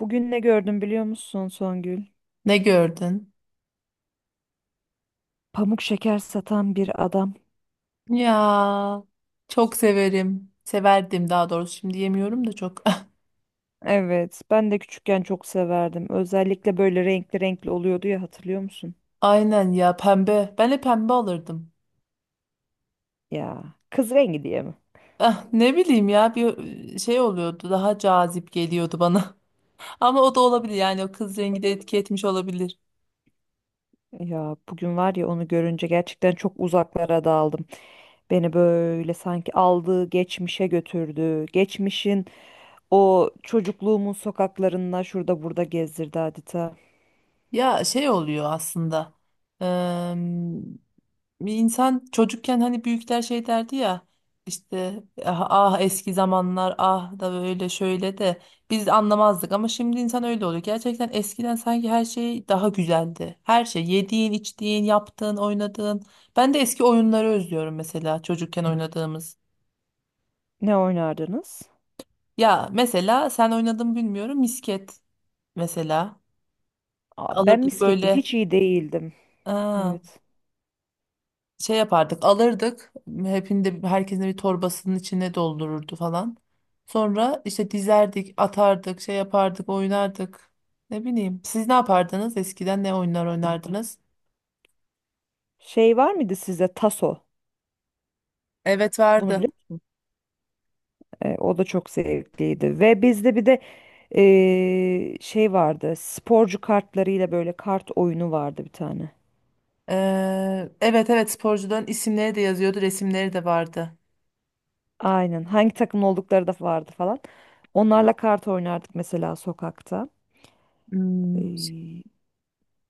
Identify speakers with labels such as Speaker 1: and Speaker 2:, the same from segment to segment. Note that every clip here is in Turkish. Speaker 1: Bugün ne gördüm biliyor musun, Songül?
Speaker 2: Ne gördün?
Speaker 1: Pamuk şeker satan bir adam.
Speaker 2: Ya çok severim. Severdim daha doğrusu. Şimdi yemiyorum da çok.
Speaker 1: Evet, ben de küçükken çok severdim. Özellikle böyle renkli renkli oluyordu ya, hatırlıyor musun?
Speaker 2: Aynen ya pembe. Ben de pembe alırdım.
Speaker 1: Ya kız rengi diye mi?
Speaker 2: Ah, ne bileyim ya bir şey oluyordu. Daha cazip geliyordu bana. Ama o da olabilir yani o kız rengi de etki etmiş olabilir.
Speaker 1: Ya bugün var ya, onu görünce gerçekten çok uzaklara daldım. Beni böyle sanki aldığı geçmişe götürdü. Geçmişin o çocukluğumun sokaklarında şurada burada gezdirdi adeta.
Speaker 2: Ya şey oluyor aslında. Bir insan çocukken hani büyükler şey derdi ya işte ah, ah eski zamanlar ah da böyle şöyle de biz anlamazdık ama şimdi insan öyle oluyor. Gerçekten eskiden sanki her şey daha güzeldi. Her şey yediğin, içtiğin, yaptığın, oynadığın. Ben de eski oyunları özlüyorum mesela çocukken oynadığımız.
Speaker 1: Ne oynardınız?
Speaker 2: Ya mesela sen oynadın mı bilmiyorum misket mesela.
Speaker 1: Aa, ben
Speaker 2: Alırdık
Speaker 1: misketi
Speaker 2: böyle.
Speaker 1: hiç iyi değildim.
Speaker 2: Aa,
Speaker 1: Evet.
Speaker 2: şey yapardık alırdık hepinde herkesin bir torbasının içine doldururdu falan. Sonra işte dizerdik atardık şey yapardık oynardık ne bileyim siz ne yapardınız eskiden ne oyunlar oynardınız?
Speaker 1: Şey var mıydı sizde, taso?
Speaker 2: Evet
Speaker 1: Bunu
Speaker 2: vardı.
Speaker 1: biliyor musun? O da çok zevkliydi. Ve bizde bir de şey vardı. Sporcu kartlarıyla böyle kart oyunu vardı bir tane.
Speaker 2: Evet evet sporcuların isimleri de yazıyordu resimleri de vardı.
Speaker 1: Aynen. Hangi takım oldukları da vardı falan. Onlarla kart oynardık mesela sokakta. E,
Speaker 2: Hmm,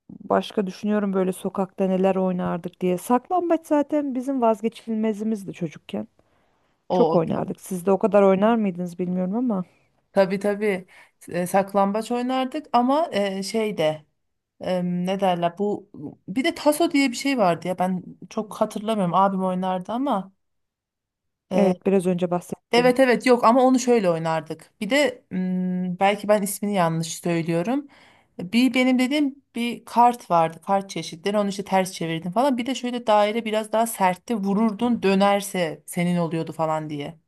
Speaker 1: Başka düşünüyorum böyle sokakta neler oynardık diye. Saklambaç zaten bizim vazgeçilmezimizdi çocukken. Çok
Speaker 2: o tabii
Speaker 1: oynardık. Siz de o kadar oynar mıydınız bilmiyorum ama.
Speaker 2: tabii, tabii. Saklambaç oynardık ama şey de ne derler bu bir de taso diye bir şey vardı ya ben çok hatırlamıyorum abim oynardı ama Ee,
Speaker 1: Evet, biraz önce bahsettiğim.
Speaker 2: evet evet yok ama onu şöyle oynardık. Bir de belki ben ismini yanlış söylüyorum. Bir benim dediğim bir kart vardı. Kart çeşitleri onu işte ters çevirdin falan. Bir de şöyle daire biraz daha sertti vururdun dönerse senin oluyordu falan diye.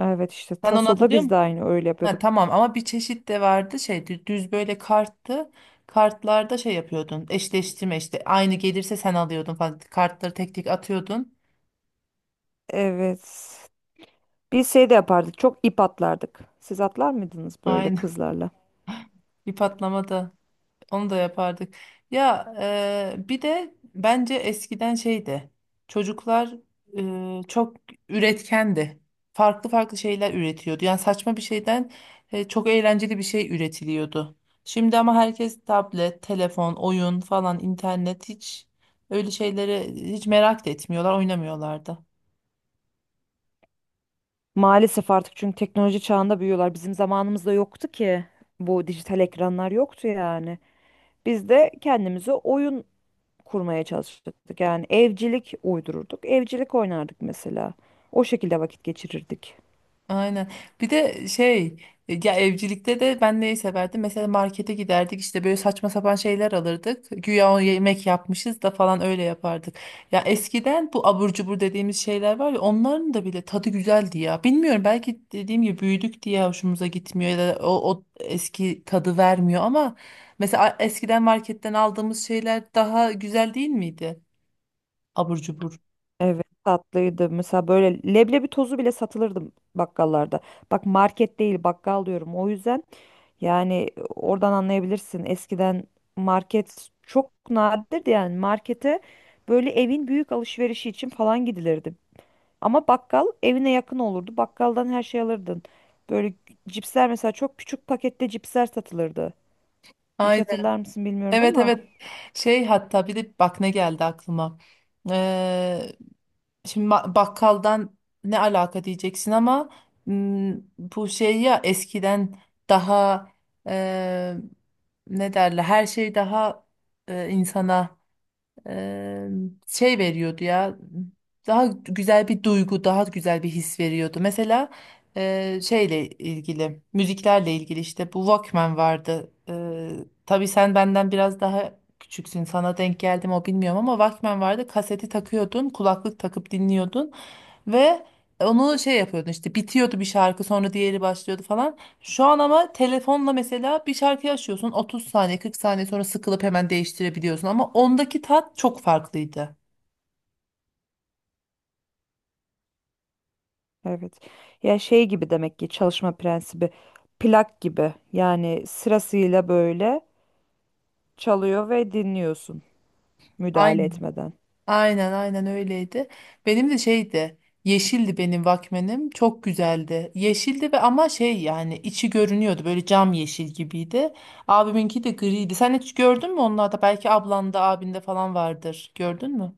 Speaker 1: Evet, işte
Speaker 2: Sen onu
Speaker 1: tasoda
Speaker 2: hatırlıyor
Speaker 1: biz
Speaker 2: musun?
Speaker 1: de aynı öyle
Speaker 2: Ha,
Speaker 1: yapıyorduk.
Speaker 2: tamam ama bir çeşit de vardı şey düz böyle karttı. Kartlarda şey yapıyordun eşleştirme işte aynı gelirse sen alıyordun falan. Kartları tek tek atıyordun.
Speaker 1: Evet. Biz şey de yapardık. Çok ip atlardık. Siz atlar mıydınız böyle
Speaker 2: Aynen
Speaker 1: kızlarla?
Speaker 2: bir patlamada. Onu da yapardık. Ya bir de bence eskiden şeydi. Çocuklar çok üretkendi. Farklı farklı şeyler üretiyordu. Yani saçma bir şeyden çok eğlenceli bir şey üretiliyordu. Şimdi ama herkes tablet, telefon, oyun falan, internet hiç öyle şeylere hiç merak da etmiyorlar, oynamıyorlar da.
Speaker 1: Maalesef artık, çünkü teknoloji çağında büyüyorlar. Bizim zamanımızda yoktu ki. Bu dijital ekranlar yoktu yani. Biz de kendimize oyun kurmaya çalışırdık. Yani evcilik uydururduk. Evcilik oynardık mesela. O şekilde vakit geçirirdik.
Speaker 2: Aynen. Bir de şey ya evcilikte de ben neyi severdim? Mesela markete giderdik işte böyle saçma sapan şeyler alırdık. Güya o yemek yapmışız da falan öyle yapardık. Ya eskiden bu abur cubur dediğimiz şeyler var ya onların da bile tadı güzeldi ya. Bilmiyorum belki dediğim gibi büyüdük diye hoşumuza gitmiyor ya da o eski tadı vermiyor ama mesela eskiden marketten aldığımız şeyler daha güzel değil miydi? Abur cubur.
Speaker 1: Evet, tatlıydı. Mesela böyle leblebi tozu bile satılırdı bakkallarda. Bak, market değil, bakkal diyorum. O yüzden, yani oradan anlayabilirsin. Eskiden market çok nadirdi, yani markete böyle evin büyük alışverişi için falan gidilirdi. Ama bakkal evine yakın olurdu. Bakkaldan her şey alırdın. Böyle cipsler mesela, çok küçük pakette cipsler satılırdı. Hiç hatırlar mısın bilmiyorum
Speaker 2: Evet
Speaker 1: ama
Speaker 2: evet şey hatta bir de bak ne geldi aklıma. Ee, şimdi bakkaldan ne alaka diyeceksin ama bu şey ya eskiden daha e, ne derler her şey daha insana Eee, şey veriyordu ya daha güzel bir duygu daha güzel bir his veriyordu mesela şeyle ilgili müziklerle ilgili işte bu Walkman vardı. Tabi tabii sen benden biraz daha küçüksün sana denk geldim o bilmiyorum ama Walkman vardı kaseti takıyordun kulaklık takıp dinliyordun ve onu şey yapıyordun işte bitiyordu bir şarkı sonra diğeri başlıyordu falan şu an ama telefonla mesela bir şarkıyı açıyorsun 30 saniye 40 saniye sonra sıkılıp hemen değiştirebiliyorsun ama ondaki tat çok farklıydı.
Speaker 1: evet. Ya şey gibi, demek ki çalışma prensibi plak gibi. Yani sırasıyla böyle çalıyor ve dinliyorsun, müdahale
Speaker 2: Aynen.
Speaker 1: etmeden.
Speaker 2: Aynen aynen öyleydi. Benim de şeydi yeşildi benim Walkman'im çok güzeldi. Yeşildi ve ama şey yani içi görünüyordu böyle cam yeşil gibiydi. Abiminki de griydi. Sen hiç gördün mü onlarda belki ablanda abinde falan vardır gördün mü?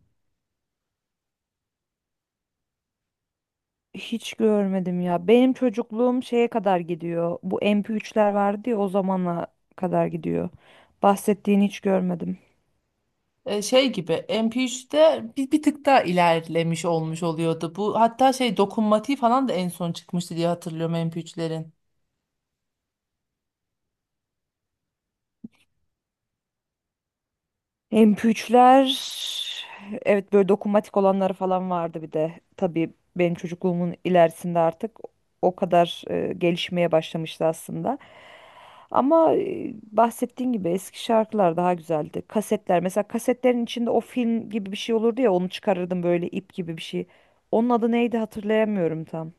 Speaker 1: Hiç görmedim ya. Benim çocukluğum şeye kadar gidiyor. Bu MP3'ler vardı ya, o zamana kadar gidiyor. Bahsettiğini hiç görmedim.
Speaker 2: Şey gibi MP3'te bir tık daha ilerlemiş olmuş oluyordu. Bu hatta şey dokunmatiği falan da en son çıkmıştı diye hatırlıyorum MP3'lerin.
Speaker 1: MP3'ler, evet, böyle dokunmatik olanları falan vardı bir de. Tabii benim çocukluğumun ilerisinde artık o kadar gelişmeye başlamıştı aslında. Ama bahsettiğin gibi eski şarkılar daha güzeldi. Kasetler mesela, kasetlerin içinde o film gibi bir şey olurdu ya, onu çıkarırdım böyle ip gibi bir şey. Onun adı neydi, hatırlayamıyorum tam.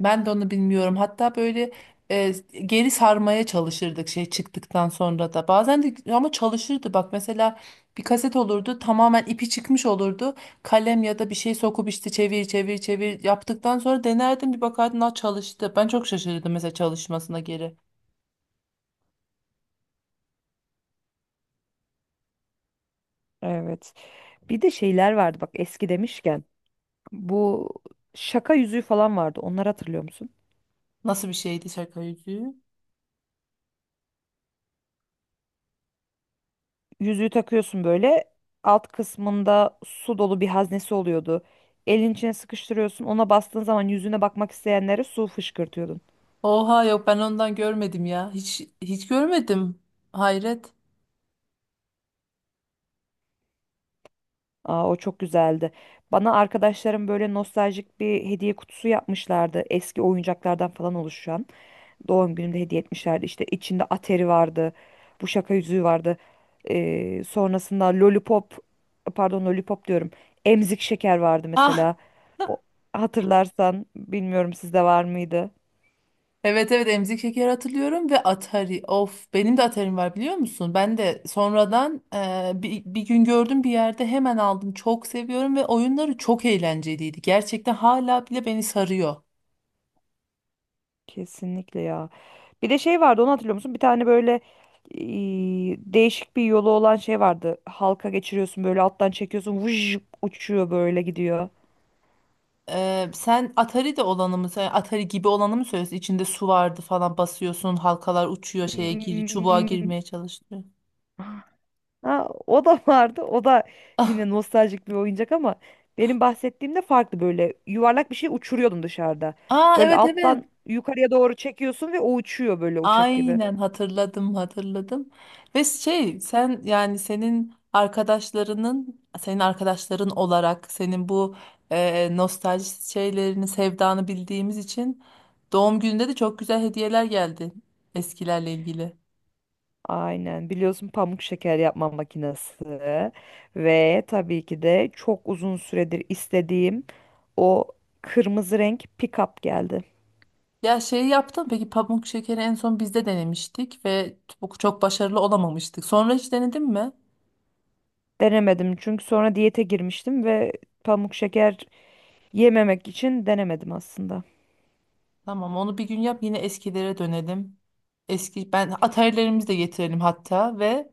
Speaker 2: Ben de onu bilmiyorum. Hatta böyle e, geri sarmaya çalışırdık şey çıktıktan sonra da. Bazen de ama çalışırdı. Bak mesela bir kaset olurdu tamamen ipi çıkmış olurdu. Kalem ya da bir şey sokup işte çevir çevir çevir yaptıktan sonra denerdim bir bakardım "Aa, çalıştı. Ben çok şaşırdım mesela çalışmasına geri.
Speaker 1: Evet. Bir de şeyler vardı, bak, eski demişken. Bu şaka yüzüğü falan vardı. Onları hatırlıyor musun?
Speaker 2: Nasıl bir şeydi şaka yüzüğü?
Speaker 1: Yüzüğü takıyorsun böyle. Alt kısmında su dolu bir haznesi oluyordu. Elin içine sıkıştırıyorsun. Ona bastığın zaman yüzüne bakmak isteyenlere su fışkırtıyordun.
Speaker 2: Oha yok ben ondan görmedim ya. Hiç hiç görmedim. Hayret.
Speaker 1: Aa, o çok güzeldi. Bana arkadaşlarım böyle nostaljik bir hediye kutusu yapmışlardı. Eski oyuncaklardan falan oluşan. Doğum günümde hediye etmişlerdi. İşte içinde Atari vardı. Bu şaka yüzüğü vardı. Sonrasında Lollipop, pardon, Lollipop diyorum. Emzik şeker vardı
Speaker 2: Ah
Speaker 1: mesela. O, hatırlarsan bilmiyorum, sizde var mıydı?
Speaker 2: evet evet emzik şekeri hatırlıyorum ve Atari. Of benim de Atari'm var biliyor musun? Ben de sonradan bir gün gördüm bir yerde hemen aldım. Çok seviyorum ve oyunları çok eğlenceliydi. Gerçekten hala bile beni sarıyor.
Speaker 1: Kesinlikle ya. Bir de şey vardı, onu hatırlıyor musun? Bir tane böyle e, değişik bir yolu olan şey vardı. Halka geçiriyorsun böyle, alttan çekiyorsun. Vuj, uçuyor böyle gidiyor.
Speaker 2: Sen Atari de olanı mı, sen Atari gibi olanı mı söylüyorsun? İçinde su vardı falan basıyorsun, halkalar uçuyor şeye gir, çubuğa
Speaker 1: Hmm.
Speaker 2: girmeye çalışıyor.
Speaker 1: Ha, o da vardı. O da
Speaker 2: Ah,
Speaker 1: yine nostaljik bir oyuncak ama benim bahsettiğimde farklı, böyle yuvarlak bir şey uçuruyordun dışarıda.
Speaker 2: aa
Speaker 1: Böyle
Speaker 2: evet evet.
Speaker 1: alttan yukarıya doğru çekiyorsun ve o uçuyor böyle uçak gibi.
Speaker 2: Aynen hatırladım hatırladım. Ve şey sen yani senin arkadaşların olarak senin bu nostalji şeylerini sevdanı bildiğimiz için doğum gününde de çok güzel hediyeler geldi eskilerle ilgili.
Speaker 1: Aynen, biliyorsun, pamuk şeker yapma makinesi ve tabii ki de çok uzun süredir istediğim o kırmızı renk pick-up geldi.
Speaker 2: Ya şey yaptım peki pamuk şekeri en son bizde denemiştik ve çok çok başarılı olamamıştık. Sonra hiç denedin mi?
Speaker 1: Denemedim çünkü sonra diyete girmiştim ve pamuk şeker yememek için denemedim aslında.
Speaker 2: Tamam onu bir gün yap yine eskilere dönelim. Eski ben atarilerimizi de getirelim hatta ve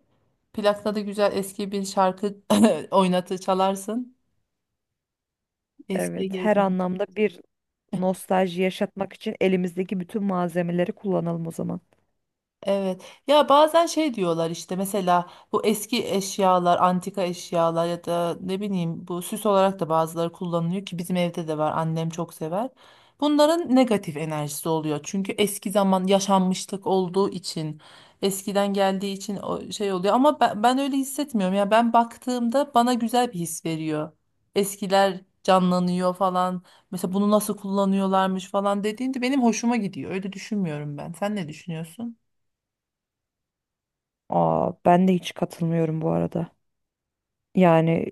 Speaker 2: plakla da güzel eski bir şarkı oynatı çalarsın. Eskiye
Speaker 1: Evet,
Speaker 2: geri
Speaker 1: her
Speaker 2: dön.
Speaker 1: anlamda bir nostalji yaşatmak için elimizdeki bütün malzemeleri kullanalım o zaman.
Speaker 2: Evet. Ya bazen şey diyorlar işte mesela bu eski eşyalar, antika eşyalar ya da ne bileyim bu süs olarak da bazıları kullanılıyor ki bizim evde de var. Annem çok sever. Bunların negatif enerjisi oluyor. Çünkü eski zaman yaşanmışlık olduğu için, eskiden geldiği için o şey oluyor ama ben öyle hissetmiyorum. Ya ben baktığımda bana güzel bir his veriyor. Eskiler canlanıyor falan. Mesela bunu nasıl kullanıyorlarmış falan dediğinde benim hoşuma gidiyor. Öyle düşünmüyorum ben. Sen ne düşünüyorsun?
Speaker 1: Aa, ben de hiç katılmıyorum bu arada. Yani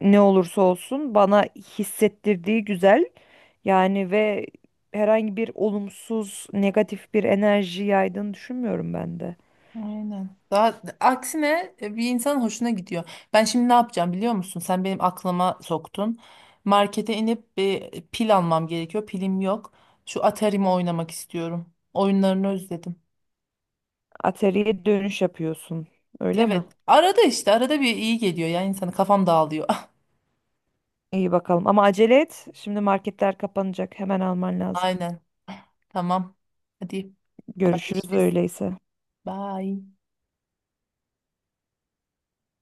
Speaker 1: ne olursa olsun bana hissettirdiği güzel. Yani ve herhangi bir olumsuz, negatif bir enerji yaydığını düşünmüyorum ben de.
Speaker 2: Aynen. Daha aksine bir insanın hoşuna gidiyor. Ben şimdi ne yapacağım biliyor musun? Sen benim aklıma soktun. Markete inip bir pil almam gerekiyor. Pilim yok. Şu Atari'mi oynamak istiyorum. Oyunlarını özledim.
Speaker 1: Ateliye dönüş yapıyorsun. Öyle mi?
Speaker 2: Evet. Arada işte arada bir iyi geliyor ya insanı kafam dağılıyor.
Speaker 1: İyi bakalım. Ama acele et. Şimdi marketler kapanacak. Hemen alman lazım.
Speaker 2: Aynen. Tamam. Hadi
Speaker 1: Görüşürüz
Speaker 2: haberleşiriz.
Speaker 1: öyleyse.
Speaker 2: Bye.